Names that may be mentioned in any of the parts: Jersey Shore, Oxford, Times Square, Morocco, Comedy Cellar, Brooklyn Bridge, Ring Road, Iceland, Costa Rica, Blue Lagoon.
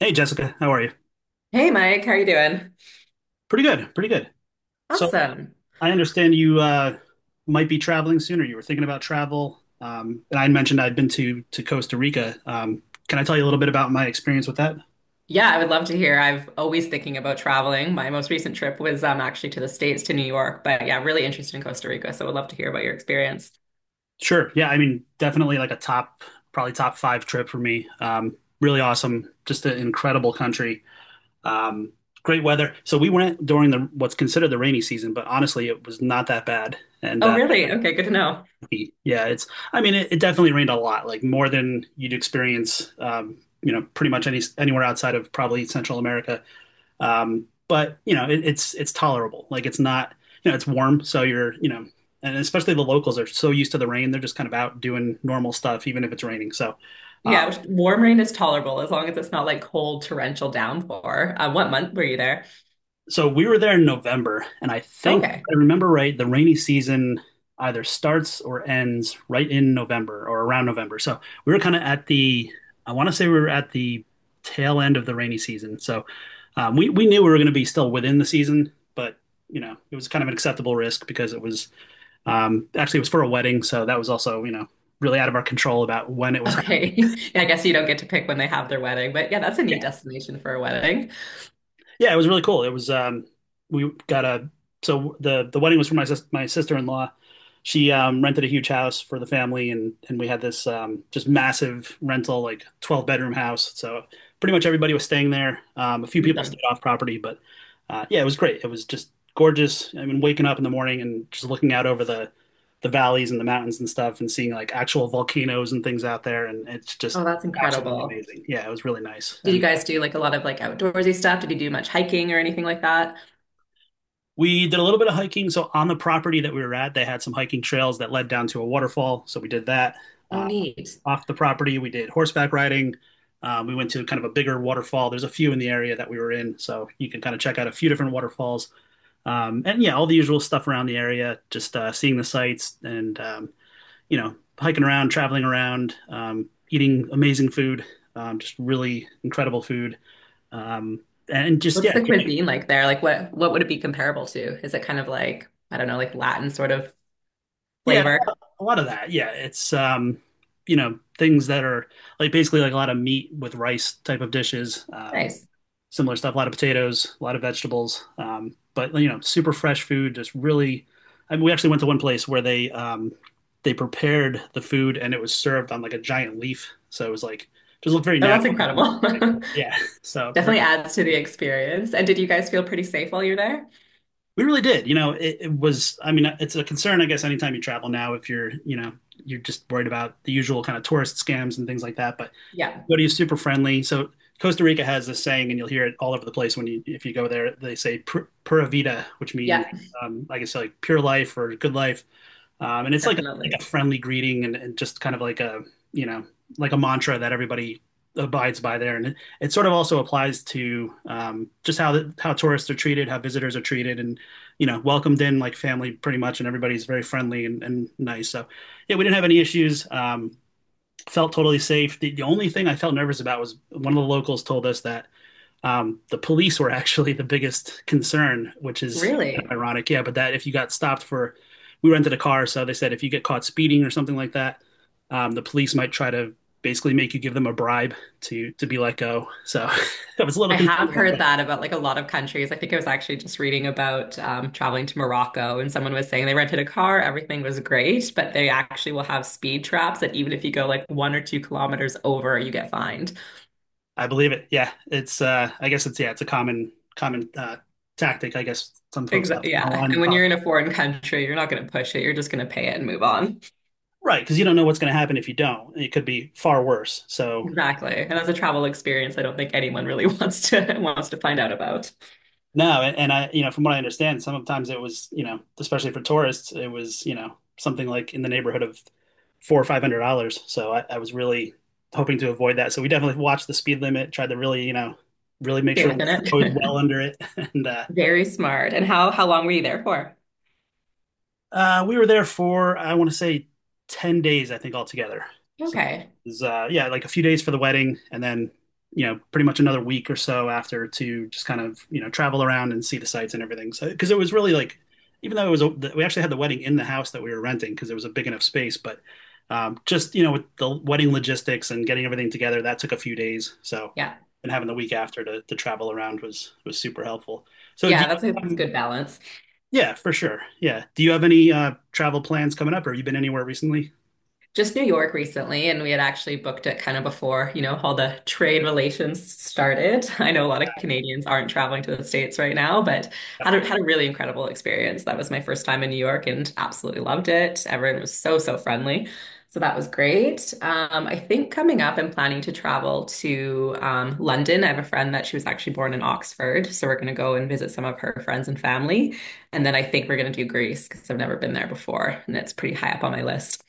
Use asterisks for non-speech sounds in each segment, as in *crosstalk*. Hey, Jessica, how are you? Hey Mike, how are you doing? Pretty good, pretty good. So Awesome. I understand you might be traveling soon, or you were thinking about travel. And I had mentioned I'd been to Costa Rica. Can I tell you a little bit about my experience with that? Yeah, I would love to hear. I've always thinking about traveling. My most recent trip was actually to the States to New York, but yeah, really interested in Costa Rica, so I would love to hear about your experience. Sure. Yeah, I mean, definitely like a top, probably top five trip for me. Really awesome, just an incredible country. Um, Great weather. So we went during the what's considered the rainy season, but honestly, it was not that bad. And Oh, really? Okay, good to know. yeah, it's. I mean, it definitely rained a lot, like more than you'd experience, you know, pretty much anywhere outside of probably Central America. But you know, it's tolerable. Like it's not, it's warm, so you're, and especially the locals are so used to the rain, they're just kind of out doing normal stuff, even if it's raining. So, Warm rain is tolerable as long as it's not like cold torrential downpour. What month were you there? so we were there in November, and I think if Okay. I remember right, the rainy season either starts or ends right in November or around November. So we were kind of at the, I want to say we were at the tail end of the rainy season. So we knew we were going to be still within the season, but it was kind of an acceptable risk because it was actually it was for a wedding, so that was also really out of our control about when it was happening. Okay. *laughs* Yeah, I guess you don't get to pick when they have their wedding, but yeah, that's a neat destination for a wedding. Yeah, it was really cool. It was we got a so the wedding was for my sister-in-law. She rented a huge house for the family and we had this just massive rental like 12-bedroom house. So pretty much everybody was staying there. A few people Awesome. stayed off property, but yeah, it was great. It was just gorgeous. I mean waking up in the morning and just looking out over the valleys and the mountains and stuff and seeing like actual volcanoes and things out there, and it's Oh, just that's absolutely incredible. amazing. Yeah, it was really nice. Did you And guys do like a lot of like outdoorsy stuff? Did you do much hiking or anything like that? we did a little bit of hiking. So on the property that we were at, they had some hiking trails that led down to a waterfall. So we did that. Oh, Uh, neat. off the property, we did horseback riding. We went to kind of a bigger waterfall. There's a few in the area that we were in, so you can kind of check out a few different waterfalls. And yeah, all the usual stuff around the area, just seeing the sights and hiking around, traveling around, eating amazing food, just really incredible food, um, and just yeah, What's the cuisine like there? Like what would it be comparable to? Is it kind of like, I don't know, like Latin sort of yeah, flavor? a lot of that. Yeah, it's you know things that are like basically like a lot of meat with rice type of dishes. Nice. Similar stuff, a lot of potatoes, a lot of vegetables. But you know, super fresh food. Just really, I mean, we actually went to one place where they prepared the food and it was served on like a giant leaf, so it was like just looked very Oh, that's natural. incredible. *laughs* Yeah, *laughs* so Definitely very, adds to the experience. And did you guys feel pretty safe while you're there? we really did. You know, it was. I mean, it's a concern, I guess, anytime you travel now, if you're, you're just worried about the usual kind of tourist scams and things like that. But Yeah. Cody's super friendly. So Costa Rica has this saying, and you'll hear it all over the place when you if you go there. They say "pura vida," which means Yeah, I guess like pure life or good life, and it's definitely. like a friendly greeting and just kind of like a you know like a mantra that everybody abides by there, and it sort of also applies to just how the, how tourists are treated, how visitors are treated, and welcomed in like family pretty much, and everybody's very friendly and nice. So yeah, we didn't have any issues. Felt totally safe. The only thing I felt nervous about was one of the locals told us that the police were *laughs* actually the biggest concern, which is kind of Really? ironic. Yeah, but that if you got stopped for, we rented a car, so they said if you get caught speeding or something like that, the police might try to basically make you give them a bribe to be let go. So *laughs* I was a little I concerned have about heard that. that about like a lot of countries. I think I was actually just reading about traveling to Morocco, and someone was saying they rented a car, everything was great, but they actually will have speed traps that even if you go like 1 or 2 kilometers over, you get fined. I believe it. Yeah, it's I guess it's a common tactic. I guess some folks have to Exactly. kind of Yeah. line And their when you're in a foreign country, you're not going to push it. You're just going to pay it and move on. *laughs* right, because you don't know what's going to happen if you don't. It could be far worse. So Exactly. And that's a travel experience I don't think anyone really *laughs* wants to find out about. no, and I, you know, from what I understand, sometimes it was, you know, especially for tourists, it was, you know, something like in the neighborhood of four or five hundred dollars. So I was really hoping to avoid that. So we definitely watched the speed limit, tried to really, you know, really make Stay sure we within were always it. well under it, *laughs* and *laughs* Very smart. And how long were you there for? uh, we were there for I want to say 10 days, I think altogether. So it Okay. was, yeah, like a few days for the wedding, and then pretty much another week or so after to just kind of travel around and see the sites and everything. So because it was really like even though it was a, we actually had the wedding in the house that we were renting because it was a big enough space, but just you know with the wedding logistics and getting everything together, that took a few days. So Yeah. and having the week after to travel around was super helpful. So do Yeah, that's you, that's a um, good balance. yeah, for sure. Yeah. Do you have any travel plans coming up or have you been anywhere recently? Just New York recently, and we had actually booked it kind of before, you know, all the trade relations started. I know a lot of Canadians aren't traveling to the States right now, but Yep. Had a really incredible experience. That was my first time in New York and absolutely loved it. Everyone was so, so friendly. So that was great. I think coming up, I'm planning to travel to London. I have a friend that she was actually born in Oxford. So we're going to go and visit some of her friends and family. And then I think we're going to do Greece because I've never been there before. And it's pretty high up on my list.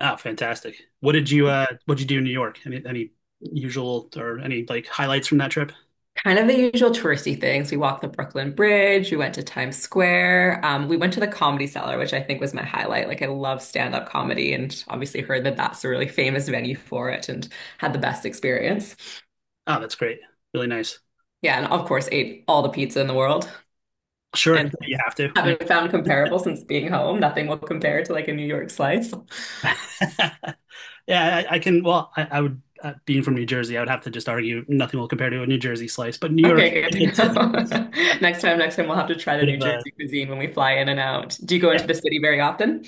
Ah, fantastic. What did you do in New York? Any usual or any like highlights from that trip? Kind of the usual touristy things. We walked the Brooklyn Bridge. We went to Times Square. We went to the Comedy Cellar, which I think was my highlight. Like, I love stand-up comedy and obviously heard that that's a really famous venue for it and had the best experience. Oh, that's great. Really nice. Yeah, and of course, ate all the pizza in the world Sure. and You have to. Yeah, haven't found comparable since being home. Nothing will compare to like a New York slice. *laughs* yeah I can well, I would being from New Jersey, I would have to just argue nothing will compare to a New Jersey slice, but New York Okay, good *laughs* to good too. It's a know. *laughs* Next time, we'll have to try the bit New of a Jersey cuisine when we fly in and out. Do you go yeah. into the city very often?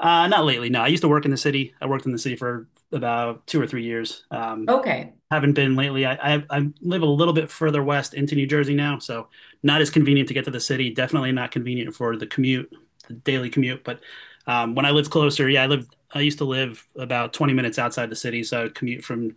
Not lately. No, I used to work in the city. I worked in the city for about 2 or 3 years. Okay. Haven't been lately. I live a little bit further west into New Jersey now, so not as convenient to get to the city. Definitely not convenient for the commute, the daily commute. But when I lived closer, yeah, I lived. I used to live about 20 minutes outside the city, so I would commute from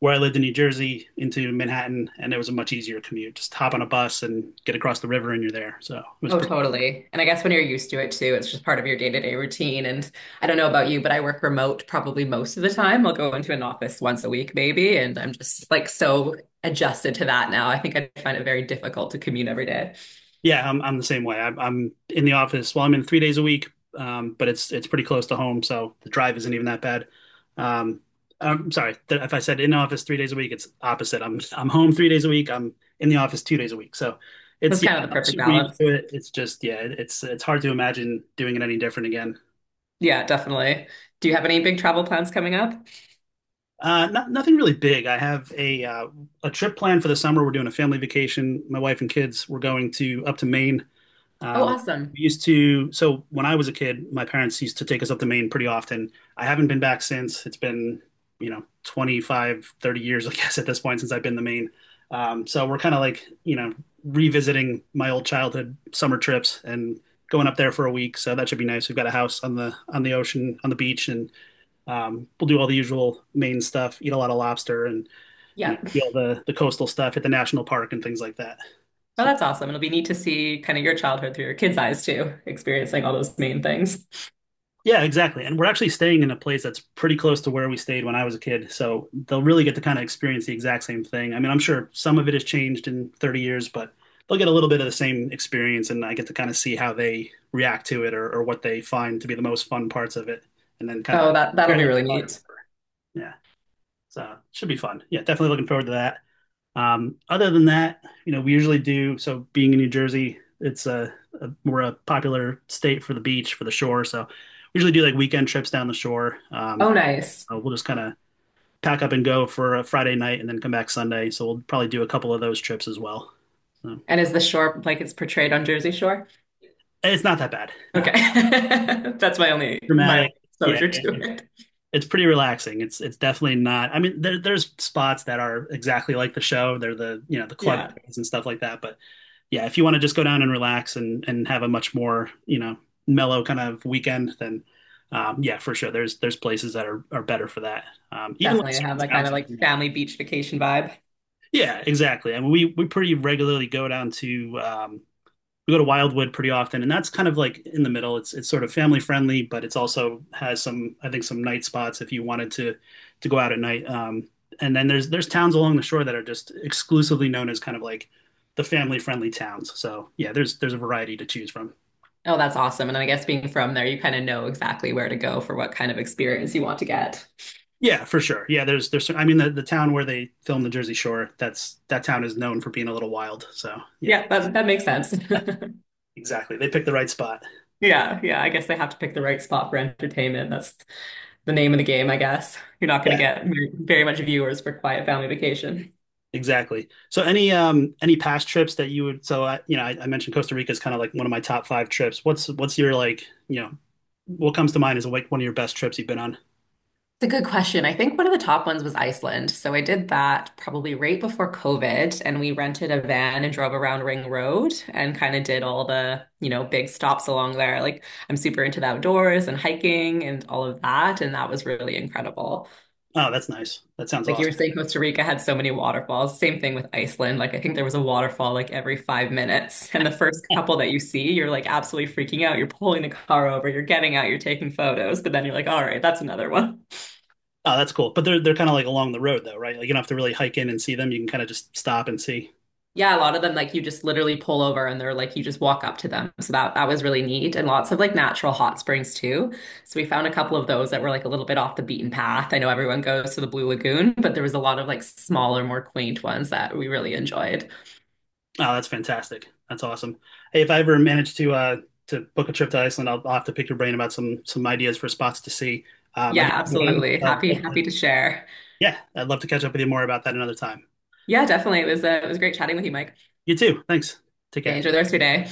where I lived in New Jersey into Manhattan, and it was a much easier commute. Just hop on a bus and get across the river, and you're there. So it was Oh, pretty. totally. And I guess when you're used to it too, it's just part of your day-to-day routine. And I don't know about you, but I work remote probably most of the time. I'll go into an office once a week, maybe, and I'm just like so adjusted to that now. I think I find it very difficult to commute every day. Yeah, I'm the same way. I'm in the office. Well, I'm in 3 days a week, but it's pretty close to home, so the drive isn't even that bad. Um, I'm sorry if I said in office 3 days a week, it's opposite. I'm home 3 days a week. I'm in the office 2 days a week. So it's That's yeah, kind of the I'm perfect super used balance. to it. It's just yeah, it's hard to imagine doing it any different again. Yeah, definitely. Do you have any big travel plans coming up? Nothing really big. I have a trip planned for the summer. We're doing a family vacation. My wife and kids. We're going to up to Maine. Oh, Um, awesome. we used to, so when I was a kid, my parents used to take us up to Maine pretty often. I haven't been back since. It's been, you know, 25, 30 years, I *laughs* guess, at this point since I've been to Maine. So we're kind of like, you know, revisiting my old childhood summer trips and going up there for a week. So that should be nice. We've got a house on the ocean, on the beach, and we'll do all the usual Maine stuff, eat a lot of lobster, and you know, Yeah. see all the coastal stuff, hit the national park and things like that. Well, So that's awesome. It'll be neat to see kind of your childhood through your kids' eyes too, experiencing all those main things. yeah, exactly. And we're actually staying in a place that's pretty close to where we stayed when I was a kid. So they'll really get to kind of experience the exact same thing. I mean, I'm sure some of it has changed in 30 years, but they'll get a little bit of the same experience. And I get to kind of see how they react to it or what they find to be the most fun parts of it. And then kind of Oh, that'll compare be that to really fire. neat. Yeah. So it should be fun. Yeah, definitely looking forward to that. Other than that, you know, we usually do. So being in New Jersey, it's a popular state for the beach, for the shore. So we usually do like weekend trips down the shore. Oh, nice. We'll just kind of pack up and go for a Friday night and then come back Sunday. So we'll probably do a couple of those trips as well. So and And is the shore like it's portrayed on Jersey Shore? it's not that bad. *laughs* No, Okay. it's *laughs* That's my dramatic. only Yeah, exposure to it. it's pretty relaxing. It's definitely not. I mean, there's spots that are exactly like the show. They're the you know the club Yeah. areas and stuff like that, but yeah, if you want to just go down and relax and have a much more, you know, mellow kind of weekend, then yeah, for sure. There's places that are better for that. Even like Definitely have certain that kind towns, of if like you know. family beach vacation vibe. Yeah, exactly. I mean, we pretty regularly go down to we go to Wildwood pretty often, and that's kind of like in the middle. It's sort of family friendly, but it's also has some I think some night spots if you wanted to go out at night. And then there's towns along the shore that are just exclusively known as kind of like the family friendly towns. So yeah, there's a variety to choose from. Oh, that's awesome. And I guess being from there, you kind of know exactly where to go for what kind of experience you want to get. Yeah, for sure. Yeah, there's I mean the town where they film the Jersey Shore, that's that town is known for being a little wild. So yeah, Yeah, that makes sense. *laughs* exactly. They picked the right spot. Yeah, yeah. I guess they have to pick the right spot for entertainment. That's the name of the game, I guess. You're not going to Yeah, get very much viewers for Quiet Family Vacation. exactly. So any past trips that you would so I you know I mentioned Costa Rica is kind of like one of my top five trips. What's your like you know what comes to mind is like one of your best trips you've been on? It's a good question. I think one of the top ones was Iceland. So I did that probably right before COVID, and we rented a van and drove around Ring Road and kind of did all the, you know, big stops along there. Like I'm super into the outdoors and hiking and all of that, and that was really incredible. Oh, that's nice. That sounds Like you were awesome. saying, Costa Rica had so many waterfalls. Same thing with Iceland. Like I think there was a waterfall like every 5 minutes. *laughs* And the first couple that you see, you're like absolutely freaking out. You're pulling the car over, you're getting out, you're taking photos, but then you're like, all right, that's another one. Oh, that's cool. But they're kind of like along the road though, right? Like you don't have to really hike in and see them. You can kind of just stop and see. Yeah, a lot of them like you just literally pull over and they're like you just walk up to them. So that was really neat. And lots of like natural hot springs too. So we found a couple of those that were like a little bit off the beaten path. I know everyone goes to the Blue Lagoon, but there was a lot of like smaller, more quaint ones that we really enjoyed. Oh, that's fantastic. That's awesome. Hey, if I ever manage to book a trip to Iceland, I'll have to pick your brain about some ideas for spots to see. I Yeah, do have one, absolutely. so Happy, happy to share. yeah, I'd love to catch up with you more about that another time. Yeah, definitely. It was great chatting with you, Mike. You too. Thanks. Take Yeah, care. enjoy the rest of your day.